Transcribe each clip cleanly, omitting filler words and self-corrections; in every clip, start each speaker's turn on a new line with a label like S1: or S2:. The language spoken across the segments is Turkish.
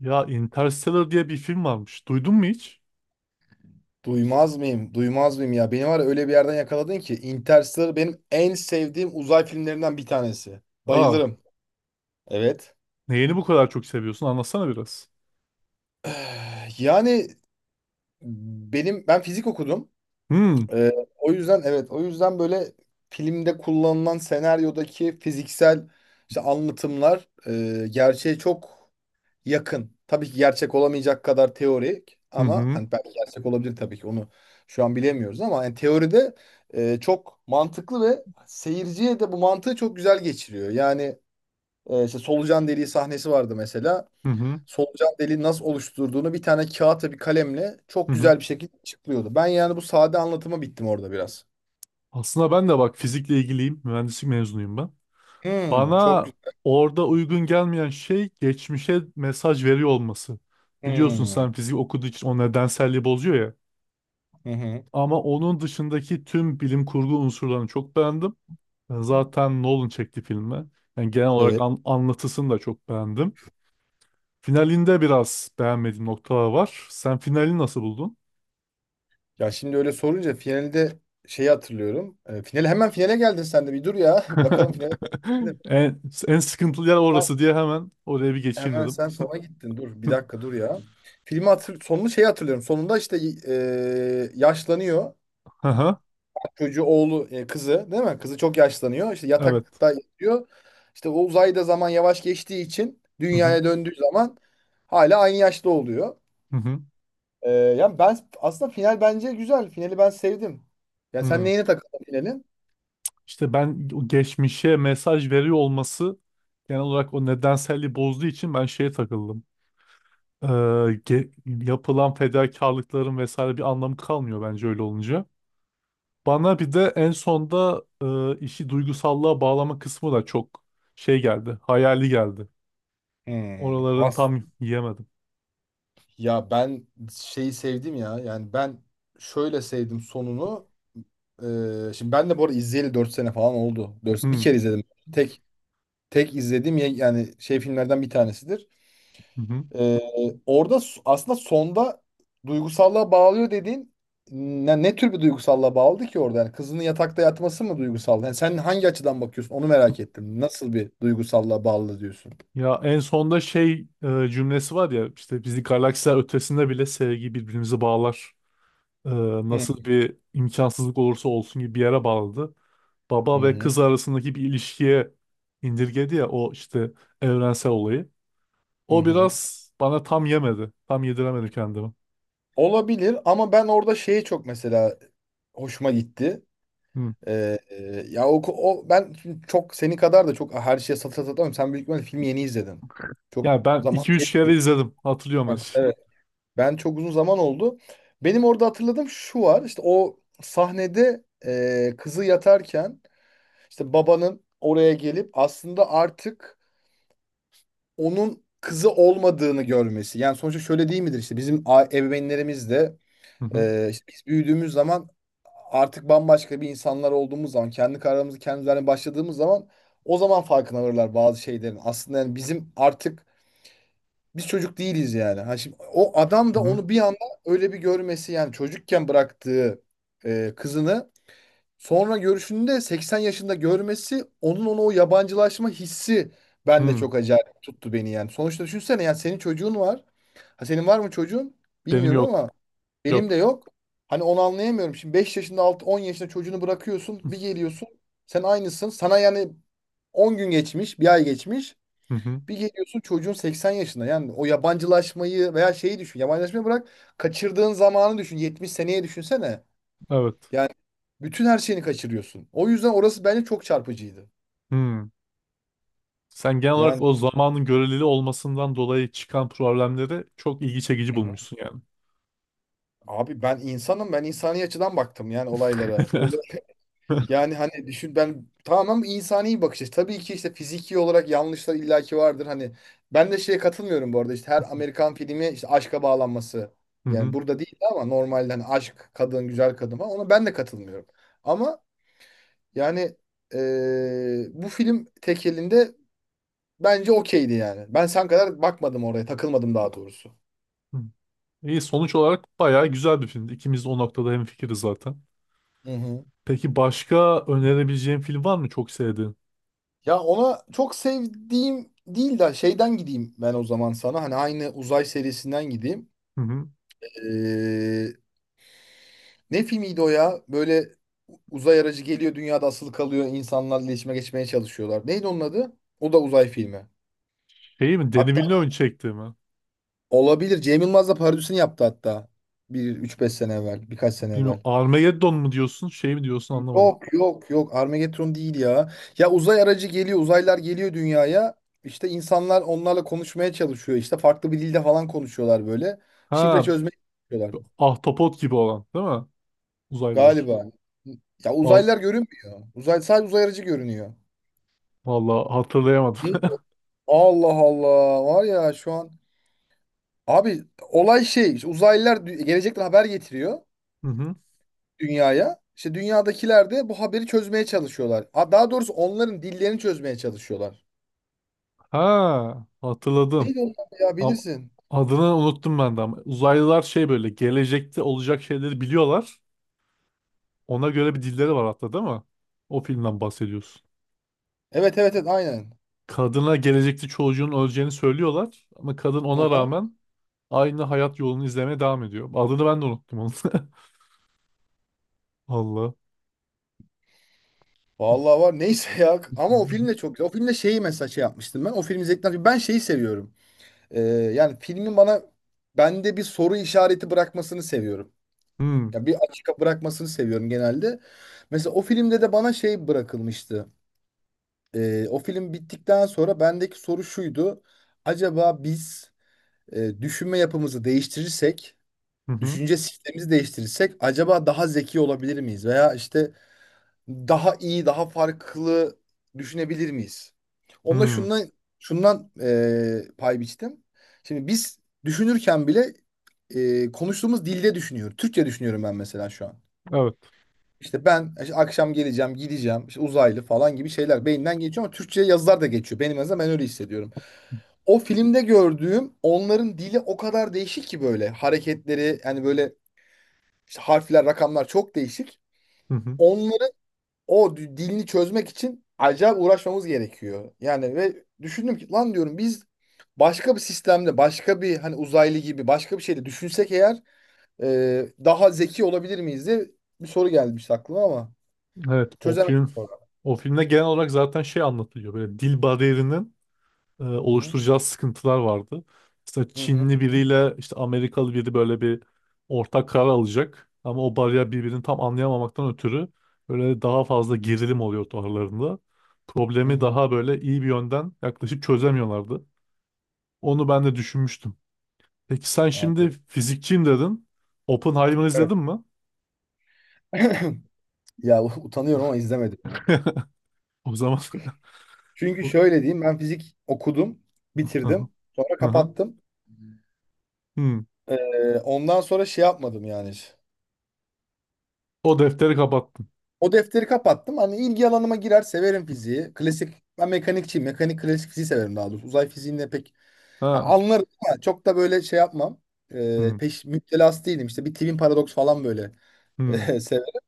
S1: Ya Interstellar diye bir film varmış. Duydun mu hiç?
S2: Duymaz mıyım? Duymaz mıyım ya? Beni var ya öyle bir yerden yakaladın ki Interstellar benim en sevdiğim uzay filmlerinden bir tanesi.
S1: Aa,
S2: Bayılırım. Evet.
S1: neyini bu kadar çok seviyorsun? Anlatsana biraz.
S2: Yani ben fizik okudum.
S1: Hmm.
S2: Ee, O yüzden, evet, o yüzden böyle filmde kullanılan senaryodaki fiziksel işte anlatımlar gerçeğe çok yakın. Tabii ki gerçek olamayacak kadar teorik
S1: Hı
S2: ama
S1: hı.
S2: hani belki gerçek olabilir, tabii ki onu şu an bilemiyoruz ama yani teoride çok mantıklı ve seyirciye de bu mantığı çok güzel geçiriyor. Yani işte solucan deliği sahnesi vardı mesela.
S1: Hı hı.
S2: Solucan deliği nasıl oluşturduğunu bir tane kağıtla bir kalemle
S1: Hı
S2: çok
S1: hı.
S2: güzel bir şekilde açıklıyordu. Ben yani bu sade anlatıma bittim orada biraz.
S1: Aslında ben de bak fizikle ilgiliyim. Mühendislik mezunuyum ben.
S2: Hmm, çok
S1: Bana
S2: güzel.
S1: orada uygun gelmeyen şey geçmişe mesaj veriyor olması. Biliyorsun
S2: Hmm.
S1: sen fizik okuduğu için o nedenselliği bozuyor ya.
S2: Hı hı.
S1: Ama onun dışındaki tüm bilim kurgu unsurlarını çok beğendim. Ben zaten Nolan çekti filmi. Yani genel olarak
S2: Evet.
S1: anlatısını da çok beğendim. Finalinde biraz beğenmediğim noktalar var. Sen finali nasıl buldun?
S2: Ya şimdi öyle sorunca finalde şeyi hatırlıyorum. Finale, hemen finale geldin, sen de bir dur ya. Bakalım finale geldim.
S1: En, en sıkıntılı yer orası diye hemen oraya bir geçeyim
S2: Hemen
S1: dedim.
S2: sen sona gittin. Dur bir dakika, dur ya. Filmi hatır Sonunu şeyi hatırlıyorum. Sonunda işte yaşlanıyor.
S1: Aha,
S2: Çocuğu, oğlu, kızı değil mi? Kızı çok yaşlanıyor. İşte
S1: evet.
S2: yatakta yatıyor. İşte o uzayda zaman yavaş geçtiği için
S1: Hı hı,
S2: dünyaya döndüğü zaman hala aynı yaşta oluyor.
S1: hı hı,
S2: Yani ben aslında final bence güzel. Finali ben sevdim. Ya sen
S1: hı.
S2: neyine takıldın finalin?
S1: İşte ben o geçmişe mesaj veriyor olması genel olarak o nedenselliği bozduğu için ben şeye takıldım. Ee, ge- Yapılan fedakarlıkların vesaire bir anlamı kalmıyor bence öyle olunca. Bana bir de en sonda işi duygusallığa bağlama kısmı da çok şey geldi, hayali geldi.
S2: Hmm,
S1: Oraların tam yiyemedim.
S2: ya ben şeyi sevdim ya. Yani ben şöyle sevdim sonunu. Şimdi ben de bu arada izleyeli 4 sene falan oldu.
S1: Hı
S2: 4, bir
S1: hı.
S2: kere izledim. Tek tek izlediğim yani şey filmlerden bir tanesidir.
S1: Hı.
S2: Ee, Orada aslında sonda duygusallığa bağlıyor dediğin, ne, ne tür bir duygusallığa bağladı ki orada? Yani kızının yatakta yatması mı duygusal? Yani sen hangi açıdan bakıyorsun? Onu merak ettim. Nasıl bir duygusallığa bağlı diyorsun?
S1: Ya en sonda şey cümlesi var ya işte bizi galaksiler ötesinde bile sevgi birbirimizi bağlar. E,
S2: Hı
S1: Nasıl bir imkansızlık olursa olsun gibi bir yere bağladı.
S2: hı.
S1: Baba ve
S2: Hı.
S1: kız arasındaki bir ilişkiye indirgedi ya o işte evrensel olayı.
S2: Hı
S1: O
S2: hı.
S1: biraz bana tam yemedi. Tam yediremedim kendimi.
S2: Olabilir ama ben orada şeye çok, mesela, hoşuma gitti.
S1: Hı.
S2: Ya o, ben şimdi çok seni kadar da çok her şeye satır satır atlamam. Sen büyük ihtimalle filmi yeni izledin. Çok
S1: Yani ben
S2: zaman
S1: iki üç kere
S2: geçmiş.
S1: izledim. Hatırlıyorum
S2: Heh,
S1: her şeyi.
S2: evet. Ben çok uzun zaman oldu. Benim orada hatırladığım şu var. İşte o sahnede kızı yatarken işte babanın oraya gelip aslında artık onun kızı olmadığını görmesi. Yani sonuçta şöyle değil midir, işte bizim ebeveynlerimiz de
S1: Hı hı.
S2: işte biz büyüdüğümüz zaman artık bambaşka bir insanlar olduğumuz zaman, kendi kararımızı kendimiz vermeye başladığımız zaman, o zaman farkına varırlar bazı şeylerin. Aslında yani bizim artık biz çocuk değiliz yani. Ha, şimdi o adam
S1: Hı
S2: da
S1: hı.
S2: onu bir anda öyle bir görmesi, yani çocukken bıraktığı kızını sonra görüşünde 80 yaşında görmesi, onun ona o yabancılaşma hissi bende
S1: Hı.
S2: çok acayip tuttu beni yani. Sonuçta düşünsene, yani senin çocuğun var. Ha, senin var mı çocuğun?
S1: Benim
S2: Bilmiyorum
S1: yok.
S2: ama benim de
S1: Yok.
S2: yok. Hani onu anlayamıyorum. Şimdi 5 yaşında, altı, 10 yaşında çocuğunu bırakıyorsun, bir geliyorsun. Sen aynısın. Sana yani 10 gün geçmiş, bir ay geçmiş.
S1: Hı hı.
S2: Bir geliyorsun, çocuğun 80 yaşında. Yani o yabancılaşmayı veya şeyi düşün. Yabancılaşmayı bırak. Kaçırdığın zamanı düşün. 70 seneye düşünsene.
S1: Evet.
S2: Yani bütün her şeyini kaçırıyorsun. O yüzden orası bence çok çarpıcıydı.
S1: Hı. Sen genel olarak
S2: Yani
S1: o zamanın görelili olmasından dolayı çıkan problemleri çok ilgi çekici bulmuşsun yani.
S2: abi ben insanım. Ben insani açıdan baktım yani olaylara. Böyle. Yani hani düşün, ben tamam, insani bir bakış açısı. Tabii ki işte fiziki olarak yanlışlar illaki vardır. Hani ben de şeye katılmıyorum bu arada, işte her Amerikan filmi işte aşka bağlanması.
S1: Hı
S2: Yani
S1: hı.
S2: burada değil ama normalde hani aşk, kadın, güzel kadın falan, ona ben de katılmıyorum. Ama yani bu film tek elinde bence okeydi yani. Ben sen kadar bakmadım oraya, takılmadım daha doğrusu.
S1: Hı. İyi, sonuç olarak bayağı güzel bir filmdi. İkimiz de o noktada hemfikiriz zaten.
S2: Hı hı.
S1: Peki başka önerebileceğin film var mı çok sevdiğin?
S2: Ya ona çok sevdiğim değil de şeyden gideyim ben o zaman sana. Hani aynı uzay serisinden gideyim.
S1: Hı hı.
S2: Ee, Ne filmiydi o ya? Böyle uzay aracı geliyor, dünyada asılı kalıyor, insanlarla iletişime geçmeye çalışıyorlar. Neydi onun adı? O da uzay filmi.
S1: Şey mi? Denis
S2: Hatta
S1: Villeneuve çekti mi?
S2: olabilir. Cem Yılmaz da parodisini yaptı hatta. Bir üç beş sene evvel, birkaç sene
S1: Bilmiyorum.
S2: evvel.
S1: Armageddon mu diyorsun? Şey mi diyorsun anlamadım.
S2: Yok yok yok, Armageddon değil ya. Ya uzay aracı geliyor, uzaylılar geliyor dünyaya. İşte insanlar onlarla konuşmaya çalışıyor. İşte farklı bir dilde falan konuşuyorlar böyle. Şifre
S1: Ha,
S2: çözmeye çalışıyorlar
S1: ahtapot gibi olan değil mi? Uzaylılar.
S2: galiba. Ya
S1: Val
S2: uzaylılar görünmüyor. Uzay, sadece uzay aracı görünüyor.
S1: Vallahi hatırlayamadım.
S2: Ne? Allah Allah, var ya şu an abi, olay şey işte, uzaylılar gelecekten haber getiriyor
S1: Hı hı.
S2: dünyaya. İşte dünyadakiler de bu haberi çözmeye çalışıyorlar. Ha, daha doğrusu onların dillerini çözmeye çalışıyorlar.
S1: Ha, hatırladım.
S2: Neydi onlar ya,
S1: Am-
S2: bilirsin.
S1: Adını unuttum ben de ama uzaylılar şey böyle gelecekte olacak şeyleri biliyorlar. Ona göre bir dilleri var hatta değil mi? O filmden bahsediyorsun.
S2: Evet, evet, evet, aynen.
S1: Kadına gelecekte çocuğun öleceğini söylüyorlar ama kadın ona
S2: Aha.
S1: rağmen aynı hayat yolunu izlemeye devam ediyor. Adını ben de unuttum onu. Allah.
S2: Vallahi var, neyse ya, ama o film de çok güzel. O filmde şeyi mesela şey yapmıştım ben. O film izledikten ben şeyi seviyorum. Yani filmin bana, bende bir soru işareti bırakmasını seviyorum.
S1: Hmm.
S2: Ya bir açık bırakmasını seviyorum genelde. Mesela o filmde de bana şey bırakılmıştı. O film bittikten sonra bendeki soru şuydu. Acaba biz düşünme yapımızı değiştirirsek,
S1: Hı hı.
S2: düşünce sistemimizi değiştirirsek acaba daha zeki olabilir miyiz? Veya işte daha iyi, daha farklı düşünebilir miyiz? Onda
S1: Hmm.
S2: şundan pay biçtim. Şimdi biz düşünürken bile konuştuğumuz dilde düşünüyoruz. Türkçe düşünüyorum ben mesela şu an.
S1: Evet.
S2: İşte ben işte akşam geleceğim, gideceğim, işte uzaylı falan gibi şeyler beyinden geçiyor ama Türkçe'ye yazılar da geçiyor. Benim en azından, ben öyle hissediyorum. O filmde gördüğüm, onların dili o kadar değişik ki, böyle hareketleri, yani böyle işte harfler, rakamlar çok değişik.
S1: Hı hı.
S2: Onların dilini çözmek için acayip uğraşmamız gerekiyor. Yani, ve düşündüm ki lan, diyorum biz başka bir sistemde, başka bir, hani uzaylı gibi başka bir şeyde düşünsek eğer daha zeki olabilir miyiz diye bir soru gelmiş aklıma ama
S1: Evet, o
S2: çözemedim
S1: film,
S2: sonra.
S1: o filmde genel olarak zaten şey anlatılıyor. Böyle dil bariyerinin
S2: Hı hı.
S1: oluşturacağı sıkıntılar vardı. Mesela
S2: Hı hı.
S1: Çinli biriyle işte Amerikalı biri böyle bir ortak karar alacak. Ama o bariyer birbirini tam anlayamamaktan ötürü böyle daha fazla gerilim oluyordu aralarında.
S2: Hı
S1: Problemi
S2: hı. Hı.
S1: daha böyle iyi bir yönden yaklaşıp çözemiyorlardı. Onu ben de düşünmüştüm. Peki sen şimdi
S2: Anladım.
S1: fizikçiyim dedin. Oppenheimer
S2: Evet.
S1: izledin mi?
S2: Ya utanıyorum ama izlemedim ya.
S1: O zaman
S2: Çünkü
S1: o-
S2: şöyle diyeyim, ben fizik okudum,
S1: aha,
S2: bitirdim, sonra
S1: aha.
S2: kapattım.
S1: Hmm.
S2: Ondan sonra şey yapmadım yani, hiç.
S1: O defteri kapattım.
S2: O defteri kapattım. Hani ilgi alanıma girer, severim fiziği. Klasik, ben mekanikçiyim. Mekanik, klasik fiziği severim daha doğrusu. Uzay fiziğinde pek, ya
S1: Ha.
S2: anlarım ama çok da böyle şey yapmam.
S1: Hmm.
S2: Peş müptelası değilim. İşte bir twin paradoks falan böyle
S1: Hmm.
S2: severim.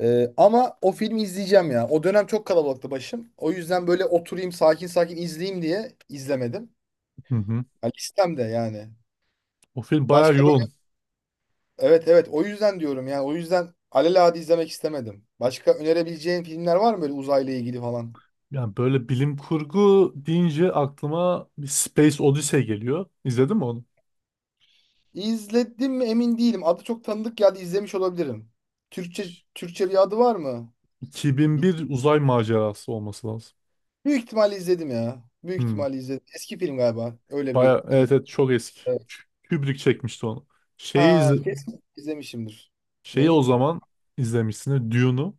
S2: Ama o filmi izleyeceğim ya. O dönem çok kalabalıktı başım. O yüzden böyle oturayım sakin sakin izleyeyim diye izlemedim.
S1: Hı hı.
S2: Ya listemde yani.
S1: O film bayağı
S2: Başka böyle,
S1: yoğun.
S2: evet, evet, o yüzden diyorum yani, o yüzden alelade izlemek istemedim. Başka önerebileceğin filmler var mı böyle uzayla ilgili falan?
S1: Yani böyle bilim kurgu deyince aklıma bir Space Odyssey geliyor. İzledin mi onu?
S2: İzledim mi emin değilim. Adı çok tanıdık geldi, izlemiş olabilirim. Türkçe Türkçe bir adı var mı? Bil-
S1: 2001 uzay macerası olması lazım.
S2: Büyük ihtimalle izledim ya. Büyük
S1: Hmm.
S2: ihtimalle izledim. Eski film galiba.
S1: Baya evet, evet çok eski.
S2: Evet.
S1: Kü- Kubrick çekmişti onu. Şeyi
S2: Ha,
S1: izle-
S2: kesin izlemişimdir.
S1: şeyi
S2: Neyi?
S1: o zaman izlemişsin. Dune'u.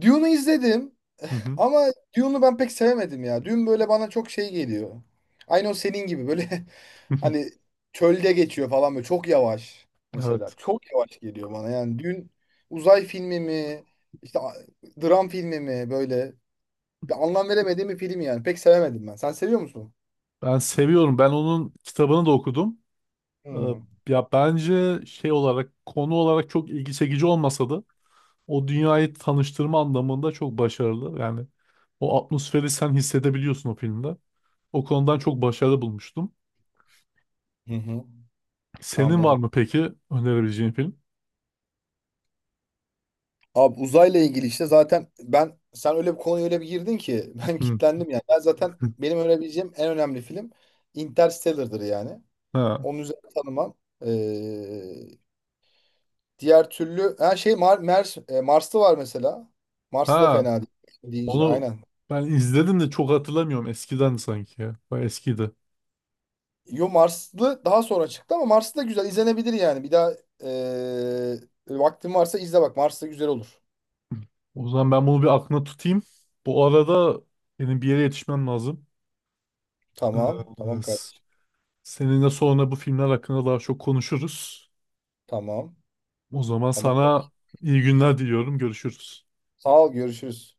S2: Dune'u izledim
S1: Hı hı.
S2: ama Dune'u ben pek sevemedim ya. Dune böyle bana çok şey geliyor. Aynı o senin gibi böyle. Hani çölde geçiyor falan, böyle çok yavaş mesela.
S1: Evet.
S2: Çok yavaş geliyor bana, yani Dune uzay filmi mi, işte dram filmi mi, böyle bir anlam veremediğim bir film yani. Pek sevemedim ben. Sen seviyor musun?
S1: Ben seviyorum. Ben onun kitabını da okudum. Ee,
S2: Hmm.
S1: ya bence şey olarak konu olarak çok ilgi çekici olmasa da o dünyayı tanıştırma anlamında çok başarılı. Yani o atmosferi sen hissedebiliyorsun o filmde. O konudan çok başarılı bulmuştum.
S2: Hı hı.
S1: Senin var
S2: Anladım.
S1: mı peki önerebileceğin film?
S2: Abi uzayla ilgili işte, zaten ben, sen öyle bir konuya öyle bir girdin ki ben
S1: Hı.
S2: kitlendim yani. Ben zaten benim önerebileceğim en önemli film Interstellar'dır yani.
S1: Ha.
S2: Onun üzerine tanımam. Ee, Diğer türlü, ha şey, Marslı var mesela. Marslı da
S1: Ha.
S2: fena değil. Deyince
S1: Onu
S2: aynen.
S1: ben izledim de çok hatırlamıyorum. Eskiden sanki ya. Bayağı eskiydi.
S2: Yo, Marslı daha sonra çıktı ama Marslı da güzel izlenebilir yani. Bir daha vaktin varsa izle bak. Marslı güzel olur.
S1: O zaman ben bunu bir aklına tutayım. Bu arada benim bir yere yetişmem lazım.
S2: Tamam.
S1: Ee,
S2: Tamam
S1: s-
S2: kardeşim.
S1: Seninle sonra bu filmler hakkında daha çok konuşuruz.
S2: Tamam.
S1: O zaman
S2: Tamam.
S1: sana iyi günler diliyorum. Görüşürüz.
S2: Sağ ol. Görüşürüz.